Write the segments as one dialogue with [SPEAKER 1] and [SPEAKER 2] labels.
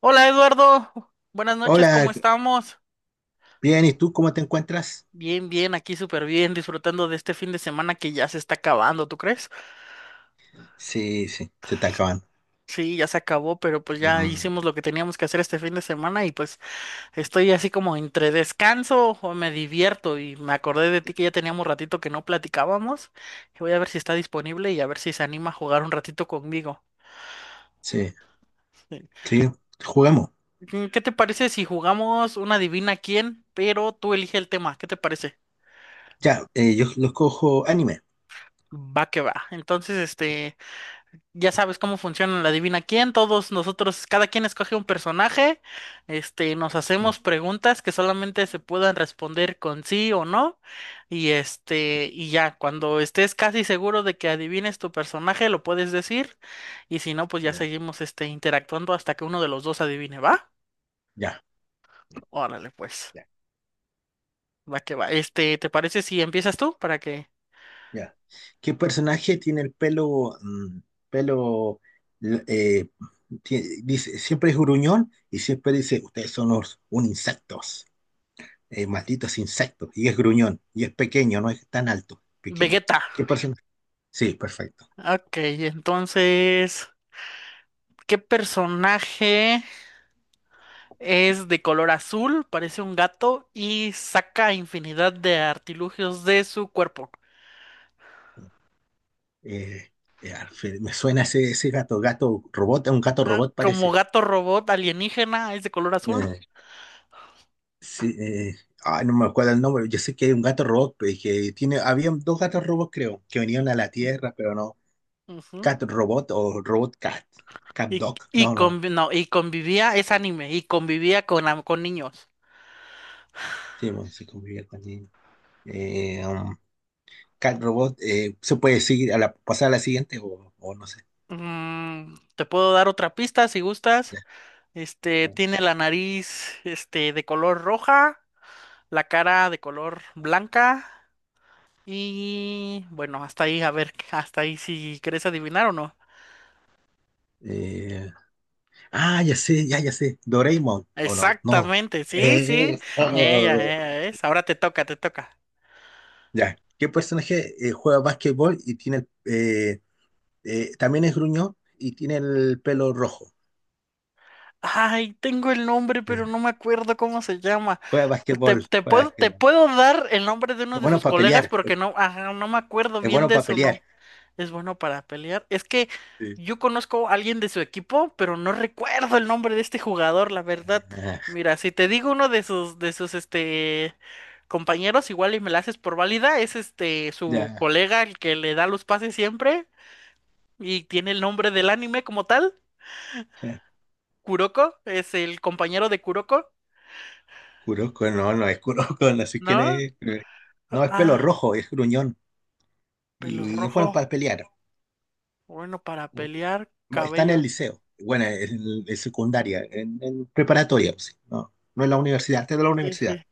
[SPEAKER 1] Hola Eduardo, buenas noches,
[SPEAKER 2] Hola,
[SPEAKER 1] ¿cómo estamos?
[SPEAKER 2] bien, ¿y tú cómo te encuentras?
[SPEAKER 1] Bien, aquí súper bien, disfrutando de este fin de semana que ya se está acabando, ¿tú crees?
[SPEAKER 2] Sí, sí. Se te acaban.
[SPEAKER 1] Sí, ya se acabó, pero pues ya
[SPEAKER 2] Mm.
[SPEAKER 1] hicimos lo que teníamos que hacer este fin de semana y pues estoy así como entre descanso o me divierto y me acordé de ti que ya teníamos ratito que no platicábamos y voy a ver si está disponible y a ver si se anima a jugar un ratito conmigo.
[SPEAKER 2] Sí, sí, jugamos.
[SPEAKER 1] Sí. ¿Qué te parece si jugamos una adivina quién, pero tú elige el tema? ¿Qué te parece?
[SPEAKER 2] Ya, yo los cojo anime.
[SPEAKER 1] Va que va. Entonces, Ya sabes cómo funciona la adivina quién. Todos nosotros, cada quien escoge un personaje, nos
[SPEAKER 2] Mm,
[SPEAKER 1] hacemos preguntas que solamente se puedan responder con sí o no. Y y ya, cuando estés casi seguro de que adivines tu personaje, lo puedes decir. Y si no, pues ya
[SPEAKER 2] ya,
[SPEAKER 1] seguimos interactuando hasta que uno de los dos adivine, ¿va?
[SPEAKER 2] ya,
[SPEAKER 1] Órale, pues.
[SPEAKER 2] ya,
[SPEAKER 1] Va que va. ¿Te parece si empiezas tú para que
[SPEAKER 2] ya. ¿Qué personaje tiene el pelo, pelo, l- eh, dice, siempre es gruñón y siempre dice, ustedes son los, un insectos, malditos insectos, y es gruñón, y es pequeño, no es tan alto, pequeño.
[SPEAKER 1] Vegeta?
[SPEAKER 2] ¿Qué personaje? Sí, perfecto.
[SPEAKER 1] Ok, entonces, ¿qué personaje? Es de color azul, parece un gato y saca infinidad de artilugios de su cuerpo.
[SPEAKER 2] Eh, Alfred, me suena ese, ese gato, gato robot, un gato
[SPEAKER 1] Ah,
[SPEAKER 2] robot
[SPEAKER 1] como
[SPEAKER 2] parece.
[SPEAKER 1] gato robot alienígena, es de color azul.
[SPEAKER 2] Eh, sí, ay, no me acuerdo el nombre, yo sé que hay un gato robot, pues, que tiene, había dos gatos robots creo, que venían a la Tierra, pero no,
[SPEAKER 1] Ujú.
[SPEAKER 2] cat robot o robot cat, cat dog, no, no,
[SPEAKER 1] No, y convivía, es anime, y convivía con, con niños.
[SPEAKER 2] sí, bueno, se convivía con niños. Eh, um, cat robot, ¿se puede seguir a la, pasar a la siguiente o no sé?
[SPEAKER 1] Mm, te puedo dar otra pista si gustas.
[SPEAKER 2] Ya, bueno.
[SPEAKER 1] Tiene la nariz, de color roja, la cara de color blanca y bueno, hasta ahí, a ver, hasta ahí si quieres adivinar o no.
[SPEAKER 2] Eh, ah, ya sé, ya, ya sé, Doraemon, o no, no.
[SPEAKER 1] Exactamente, sí, sí. Ella,
[SPEAKER 2] Oh,
[SPEAKER 1] ella es. Ahora te toca, te toca.
[SPEAKER 2] ya. ¿Qué personaje juega básquetbol y tiene el, también es gruñón y tiene el pelo rojo?
[SPEAKER 1] Ay, tengo el nombre, pero no me acuerdo cómo se llama.
[SPEAKER 2] Juega
[SPEAKER 1] Te,
[SPEAKER 2] básquetbol,
[SPEAKER 1] te
[SPEAKER 2] juega
[SPEAKER 1] puedo, te
[SPEAKER 2] básquetbol.
[SPEAKER 1] puedo dar el nombre de uno
[SPEAKER 2] Es
[SPEAKER 1] de
[SPEAKER 2] bueno
[SPEAKER 1] sus
[SPEAKER 2] para
[SPEAKER 1] colegas
[SPEAKER 2] pelear,
[SPEAKER 1] porque no, ajá, no me acuerdo
[SPEAKER 2] es
[SPEAKER 1] bien
[SPEAKER 2] bueno
[SPEAKER 1] de
[SPEAKER 2] para
[SPEAKER 1] su
[SPEAKER 2] pelear.
[SPEAKER 1] nombre. Es bueno para pelear. Es que
[SPEAKER 2] Sí.
[SPEAKER 1] yo conozco a alguien de su equipo, pero no recuerdo el nombre de este jugador, la verdad.
[SPEAKER 2] Ah,
[SPEAKER 1] Mira, si te digo uno de sus, compañeros, igual y me la haces por válida, es su
[SPEAKER 2] ya,
[SPEAKER 1] colega, el que le da los pases siempre. Y tiene el nombre del anime como tal.
[SPEAKER 2] ya.
[SPEAKER 1] Kuroko es el compañero de Kuroko,
[SPEAKER 2] Kuroko, no, no es Kuroko, no sé quién
[SPEAKER 1] ¿no?
[SPEAKER 2] es. No, es pelo
[SPEAKER 1] Ah,
[SPEAKER 2] rojo, es gruñón.
[SPEAKER 1] pelo
[SPEAKER 2] Y es
[SPEAKER 1] rojo.
[SPEAKER 2] bueno para pelear.
[SPEAKER 1] Bueno, para pelear,
[SPEAKER 2] Está en
[SPEAKER 1] cabello.
[SPEAKER 2] el liceo, bueno, en secundaria, en preparatoria, sí. No, no en la universidad, está en la
[SPEAKER 1] Sí,
[SPEAKER 2] universidad.
[SPEAKER 1] sí.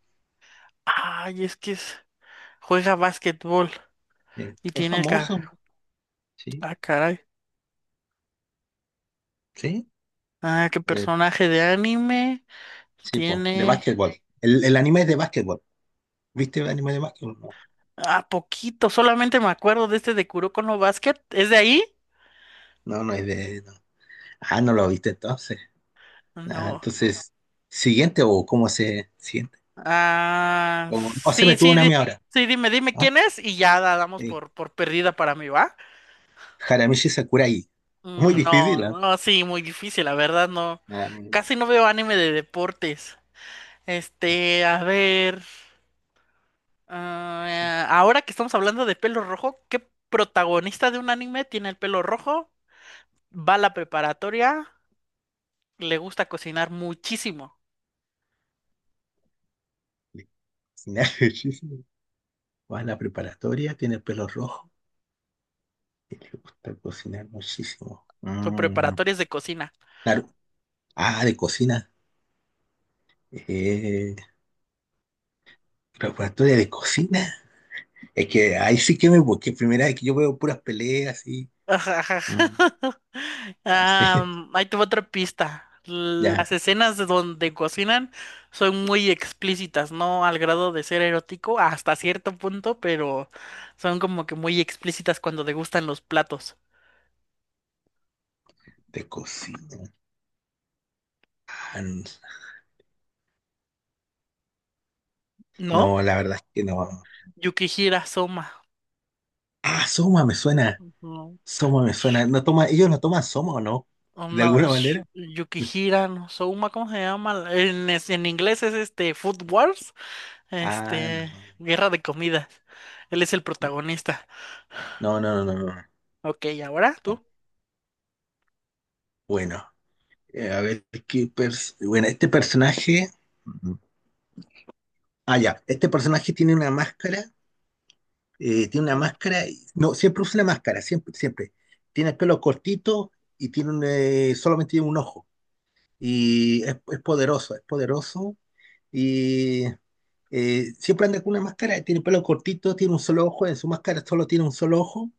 [SPEAKER 1] Ay, es que es- juega básquetbol
[SPEAKER 2] Sí.
[SPEAKER 1] y
[SPEAKER 2] Es
[SPEAKER 1] tiene el
[SPEAKER 2] famoso,
[SPEAKER 1] cabello.
[SPEAKER 2] sí,
[SPEAKER 1] Ah, caray.
[SPEAKER 2] sí.
[SPEAKER 1] Ah, qué
[SPEAKER 2] Eh,
[SPEAKER 1] personaje de anime
[SPEAKER 2] sí, po, de
[SPEAKER 1] tiene.
[SPEAKER 2] básquetbol. El anime es de básquetbol. ¿Viste el anime de básquetbol?
[SPEAKER 1] Ah, poquito. Solamente me acuerdo de este de Kuroko no Basket. ¿Es de ahí?
[SPEAKER 2] No, no, no es de. No. Ah, no lo viste entonces. Ah,
[SPEAKER 1] No.
[SPEAKER 2] entonces, siguiente o cómo se siguiente.
[SPEAKER 1] Ah,
[SPEAKER 2] O se
[SPEAKER 1] sí,
[SPEAKER 2] me tuvo
[SPEAKER 1] sí,
[SPEAKER 2] una a mí
[SPEAKER 1] di-
[SPEAKER 2] ahora.
[SPEAKER 1] sí, dime
[SPEAKER 2] Ah,
[SPEAKER 1] quién es y ya la damos
[SPEAKER 2] eh,
[SPEAKER 1] por perdida para mí, ¿va?
[SPEAKER 2] Haramichi Sakurai. Muy difícil,
[SPEAKER 1] No,
[SPEAKER 2] ¿ah?
[SPEAKER 1] no, sí, muy difícil, la verdad, no.
[SPEAKER 2] Ah, no, no, no,
[SPEAKER 1] Casi no veo anime de deportes.
[SPEAKER 2] no,
[SPEAKER 1] A ver. Ah, ahora que estamos hablando de pelo rojo, ¿qué protagonista de un anime tiene el pelo rojo? Va a la preparatoria, le gusta cocinar muchísimo.
[SPEAKER 2] no, cocinar muchísimo. Va a la preparatoria, tiene el pelo rojo y le gusta cocinar muchísimo.
[SPEAKER 1] Su
[SPEAKER 2] Mm,
[SPEAKER 1] preparatoria es de cocina.
[SPEAKER 2] claro. Ah, de cocina. Eh, preparatoria de cocina. Es que ahí sí que me busqué. Primera vez que yo veo puras peleas y.
[SPEAKER 1] Ajá, ajá.
[SPEAKER 2] Mm.
[SPEAKER 1] Ahí te va otra pista.
[SPEAKER 2] Ya,
[SPEAKER 1] Las escenas de donde cocinan son muy explícitas, no al grado de ser erótico hasta cierto punto, pero son como que muy explícitas cuando degustan los platos.
[SPEAKER 2] de cocina.
[SPEAKER 1] ¿No?
[SPEAKER 2] No, la verdad es que no.
[SPEAKER 1] Yukihira Soma.
[SPEAKER 2] Ah, Soma me suena.
[SPEAKER 1] No,
[SPEAKER 2] Soma me suena. No toma, ellos no toman Soma, ¿o no?
[SPEAKER 1] oh,
[SPEAKER 2] De
[SPEAKER 1] no,
[SPEAKER 2] alguna
[SPEAKER 1] es
[SPEAKER 2] manera.
[SPEAKER 1] Yukihira no, Soma, ¿cómo se llama? En inglés es Food Wars,
[SPEAKER 2] Ah, no.
[SPEAKER 1] Guerra de Comidas. Él es el protagonista.
[SPEAKER 2] No, no, no, no, no,
[SPEAKER 1] Ok, ¿ahora
[SPEAKER 2] no.
[SPEAKER 1] tú?
[SPEAKER 2] Bueno, a ver qué bueno, este personaje. Ah, ya. Este personaje tiene una máscara, tiene una máscara, no, siempre usa una máscara, siempre, siempre. Tiene el pelo cortito y tiene un, solamente tiene un ojo. Y es poderoso, es poderoso. Y siempre anda con una máscara, tiene el pelo cortito, tiene un solo ojo, en su máscara solo tiene un solo ojo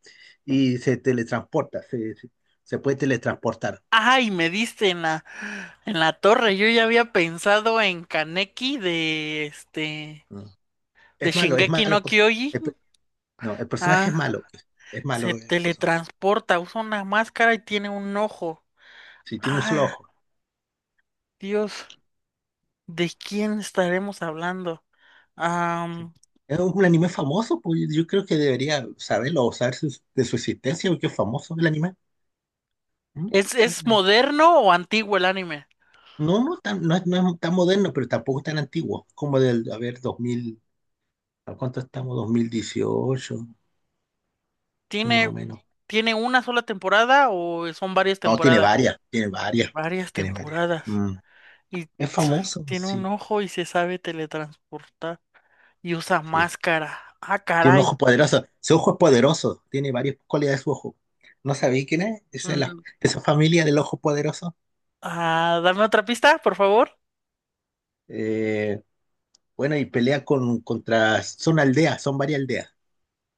[SPEAKER 2] y se teletransporta, se puede teletransportar.
[SPEAKER 1] Ay, me diste en la torre. Yo ya había pensado en Kaneki de
[SPEAKER 2] Mm.
[SPEAKER 1] de
[SPEAKER 2] Es malo, es malo.
[SPEAKER 1] Shingeki
[SPEAKER 2] El
[SPEAKER 1] no
[SPEAKER 2] pers- el pe-
[SPEAKER 1] Kyojin.
[SPEAKER 2] No, el personaje
[SPEAKER 1] Ah,
[SPEAKER 2] es
[SPEAKER 1] se
[SPEAKER 2] malo el personaje.
[SPEAKER 1] teletransporta, usa una máscara y tiene un ojo.
[SPEAKER 2] Sí, tiene un solo
[SPEAKER 1] Ah,
[SPEAKER 2] ojo.
[SPEAKER 1] Dios, ¿de quién estaremos hablando?
[SPEAKER 2] Sí.
[SPEAKER 1] Am,
[SPEAKER 2] Es un anime famoso, pues yo creo que debería saberlo o de su existencia, porque es famoso el anime. ¿Mm? Sí,
[SPEAKER 1] es moderno o antiguo el anime?
[SPEAKER 2] no, no, no, no es tan moderno, pero tampoco es tan antiguo, como del, a ver, dos mil, ¿a cuánto estamos? 2018 más o
[SPEAKER 1] ¿Tiene,
[SPEAKER 2] menos.
[SPEAKER 1] tiene una sola temporada o son varias
[SPEAKER 2] No, tiene
[SPEAKER 1] temporadas?
[SPEAKER 2] varias, tiene varias,
[SPEAKER 1] Varias
[SPEAKER 2] tiene varias.
[SPEAKER 1] temporadas.
[SPEAKER 2] Mm.
[SPEAKER 1] Y
[SPEAKER 2] Es famoso,
[SPEAKER 1] tiene un
[SPEAKER 2] sí,
[SPEAKER 1] ojo y se sabe teletransportar y usa
[SPEAKER 2] sí.
[SPEAKER 1] máscara. Ah,
[SPEAKER 2] Tiene un
[SPEAKER 1] caray.
[SPEAKER 2] ojo poderoso, su ojo es poderoso, tiene varias cualidades su ojo. ¿No sabéis quién es? Esa,
[SPEAKER 1] Mm,
[SPEAKER 2] esa familia del ojo poderoso.
[SPEAKER 1] ah, dame otra pista, por favor.
[SPEAKER 2] Eh, Bueno, y pelea con, contra, son aldeas, son varias aldeas,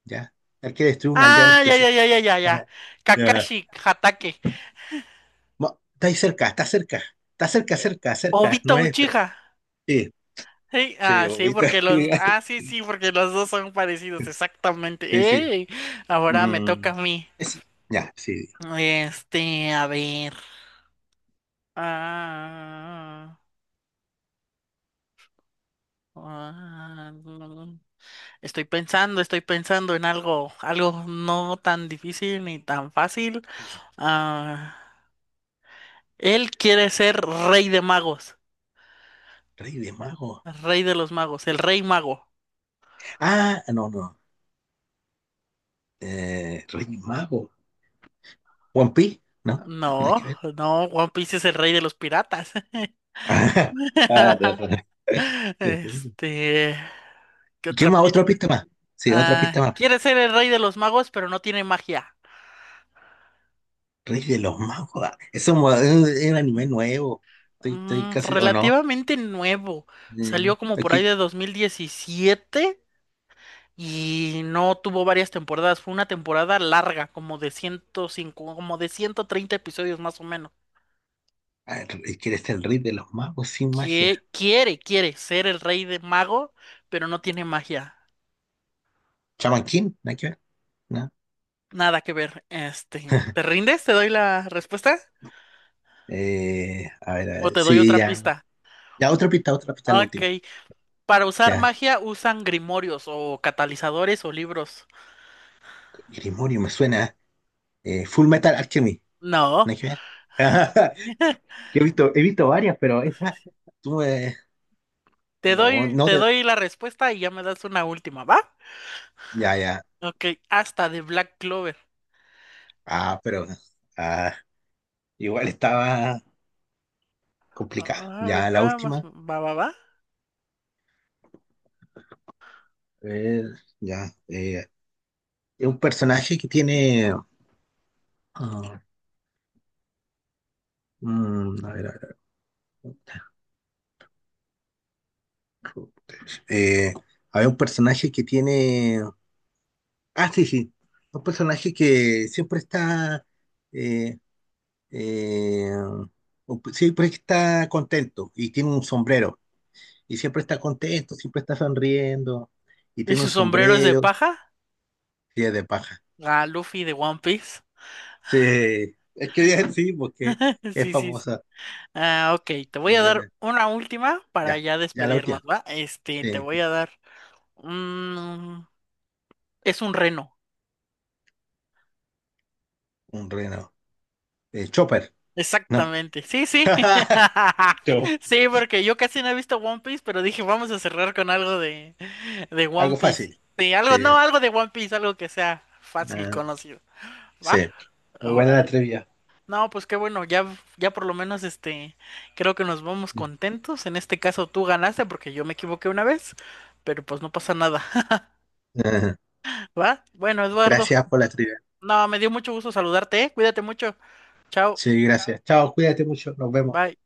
[SPEAKER 2] ¿ya? Hay que destruir una aldea en
[SPEAKER 1] Ah, ya, ya,
[SPEAKER 2] específico.
[SPEAKER 1] ya, ya, ya, ya.
[SPEAKER 2] Ajá. Ya.
[SPEAKER 1] Kakashi Hatake.
[SPEAKER 2] Está ahí cerca, está cerca, está cerca,
[SPEAKER 1] Eh,
[SPEAKER 2] cerca, cerca, no
[SPEAKER 1] Obito
[SPEAKER 2] es, pero
[SPEAKER 1] Uchiha.
[SPEAKER 2] sí,
[SPEAKER 1] Sí,
[SPEAKER 2] sí,
[SPEAKER 1] ah, sí,
[SPEAKER 2] ahorita,
[SPEAKER 1] porque
[SPEAKER 2] sí,
[SPEAKER 1] los. Ah, sí, sí, porque los dos son parecidos, exactamente.
[SPEAKER 2] sí, sí.
[SPEAKER 1] ¡Ey! Ahora me toca
[SPEAKER 2] Mm,
[SPEAKER 1] a mí.
[SPEAKER 2] es- ya, sí.
[SPEAKER 1] A ver. Ah, ah, mm, estoy pensando en algo, algo no tan difícil ni tan fácil. Ah, él quiere ser rey de magos,
[SPEAKER 2] Rey de Mago.
[SPEAKER 1] rey de los magos, el rey mago.
[SPEAKER 2] Ah, no, no. Rey Mago. One Piece, ¿no? Nada
[SPEAKER 1] No,
[SPEAKER 2] que ver.
[SPEAKER 1] no, One Piece es el rey de los piratas.
[SPEAKER 2] Ah, ah, no, no.
[SPEAKER 1] Este, ¿qué
[SPEAKER 2] ¿Y qué
[SPEAKER 1] otra
[SPEAKER 2] más? ¿Otra
[SPEAKER 1] pista?
[SPEAKER 2] pista más? Sí, otra
[SPEAKER 1] Ah,
[SPEAKER 2] pista más.
[SPEAKER 1] quiere ser el rey de los magos, pero no tiene magia.
[SPEAKER 2] Rey de los Magos. Ah, es un anime nuevo. Estoy, estoy
[SPEAKER 1] Mm,
[SPEAKER 2] casi. ¿O no?
[SPEAKER 1] relativamente nuevo. Salió como por ahí
[SPEAKER 2] Aquí,
[SPEAKER 1] de 2017 y no tuvo varias temporadas. Fue una temporada larga, como de 105, como de 130 episodios más o menos.
[SPEAKER 2] a ver, ¿quiere ser el Rey de los Magos sin magia?
[SPEAKER 1] Que Quiere ser el rey de mago, pero no tiene magia.
[SPEAKER 2] ¿Chaman King? ¿Nada que ver? ¿No?
[SPEAKER 1] Nada que ver. ¿Te rindes? ¿Te doy la respuesta?
[SPEAKER 2] A
[SPEAKER 1] ¿O
[SPEAKER 2] ver,
[SPEAKER 1] te doy
[SPEAKER 2] sí,
[SPEAKER 1] otra
[SPEAKER 2] ya.
[SPEAKER 1] pista?
[SPEAKER 2] Ya, otra pista, la última.
[SPEAKER 1] Ok. Para usar
[SPEAKER 2] Ya,
[SPEAKER 1] magia usan grimorios o catalizadores o libros.
[SPEAKER 2] grimorio me suena. Full Metal Alchemy.
[SPEAKER 1] No.
[SPEAKER 2] ¿Nada que ver? Yo he visto varias, pero esa. Tú me-
[SPEAKER 1] Te
[SPEAKER 2] No,
[SPEAKER 1] doy,
[SPEAKER 2] no.
[SPEAKER 1] te doy la respuesta y ya me das una última, ¿va?
[SPEAKER 2] Ya, ya.
[SPEAKER 1] Ok, hasta de Black Clover.
[SPEAKER 2] Ah, pero, ah, igual estaba complicada.
[SPEAKER 1] Ah,
[SPEAKER 2] Ya, la última.
[SPEAKER 1] va, va, va.
[SPEAKER 2] A ver, ya. Es un personaje que tiene, ah, mm, a ver, a ver, a ver. Eh, a un personaje que tiene. Ah, sí, sí. Un personaje que siempre está, eh, eh, siempre está contento y tiene un sombrero. Y siempre está contento, siempre está sonriendo. Y
[SPEAKER 1] ¿Y
[SPEAKER 2] tiene
[SPEAKER 1] su
[SPEAKER 2] un
[SPEAKER 1] sombrero es de
[SPEAKER 2] sombrero
[SPEAKER 1] paja?
[SPEAKER 2] y es de paja.
[SPEAKER 1] Ah, Luffy de One Piece.
[SPEAKER 2] Sí, es que sí, porque es
[SPEAKER 1] Sí, sí, sí.
[SPEAKER 2] famosa.
[SPEAKER 1] Ah, ok, te voy a
[SPEAKER 2] Bueno,
[SPEAKER 1] dar una última para
[SPEAKER 2] ya,
[SPEAKER 1] ya
[SPEAKER 2] ya la
[SPEAKER 1] despedirnos,
[SPEAKER 2] última.
[SPEAKER 1] ¿va? Te
[SPEAKER 2] Sí.
[SPEAKER 1] voy a dar un... Es un reno,
[SPEAKER 2] Un reno. Chopper, no.
[SPEAKER 1] exactamente. Sí, sí.
[SPEAKER 2] Yo.
[SPEAKER 1] Sí, porque yo casi no he visto One Piece, pero dije, vamos a cerrar con algo de One
[SPEAKER 2] Algo
[SPEAKER 1] Piece.
[SPEAKER 2] fácil.
[SPEAKER 1] Sí, algo,
[SPEAKER 2] Sí.
[SPEAKER 1] no, algo de One Piece, algo que sea fácil
[SPEAKER 2] Ah,
[SPEAKER 1] conocido, ¿va?
[SPEAKER 2] sí. Muy buena la
[SPEAKER 1] Órale.
[SPEAKER 2] trivia.
[SPEAKER 1] No, pues qué bueno, ya, ya por lo menos creo que nos vamos contentos. En este caso tú ganaste porque yo me equivoqué una vez, pero pues no pasa nada. ¿Va? Bueno, Eduardo,
[SPEAKER 2] Gracias por la trivia.
[SPEAKER 1] no, me dio mucho gusto saludarte, ¿eh? Cuídate mucho. Chao.
[SPEAKER 2] Sí, gracias. Chao, cuídate mucho. Nos vemos.
[SPEAKER 1] Bye.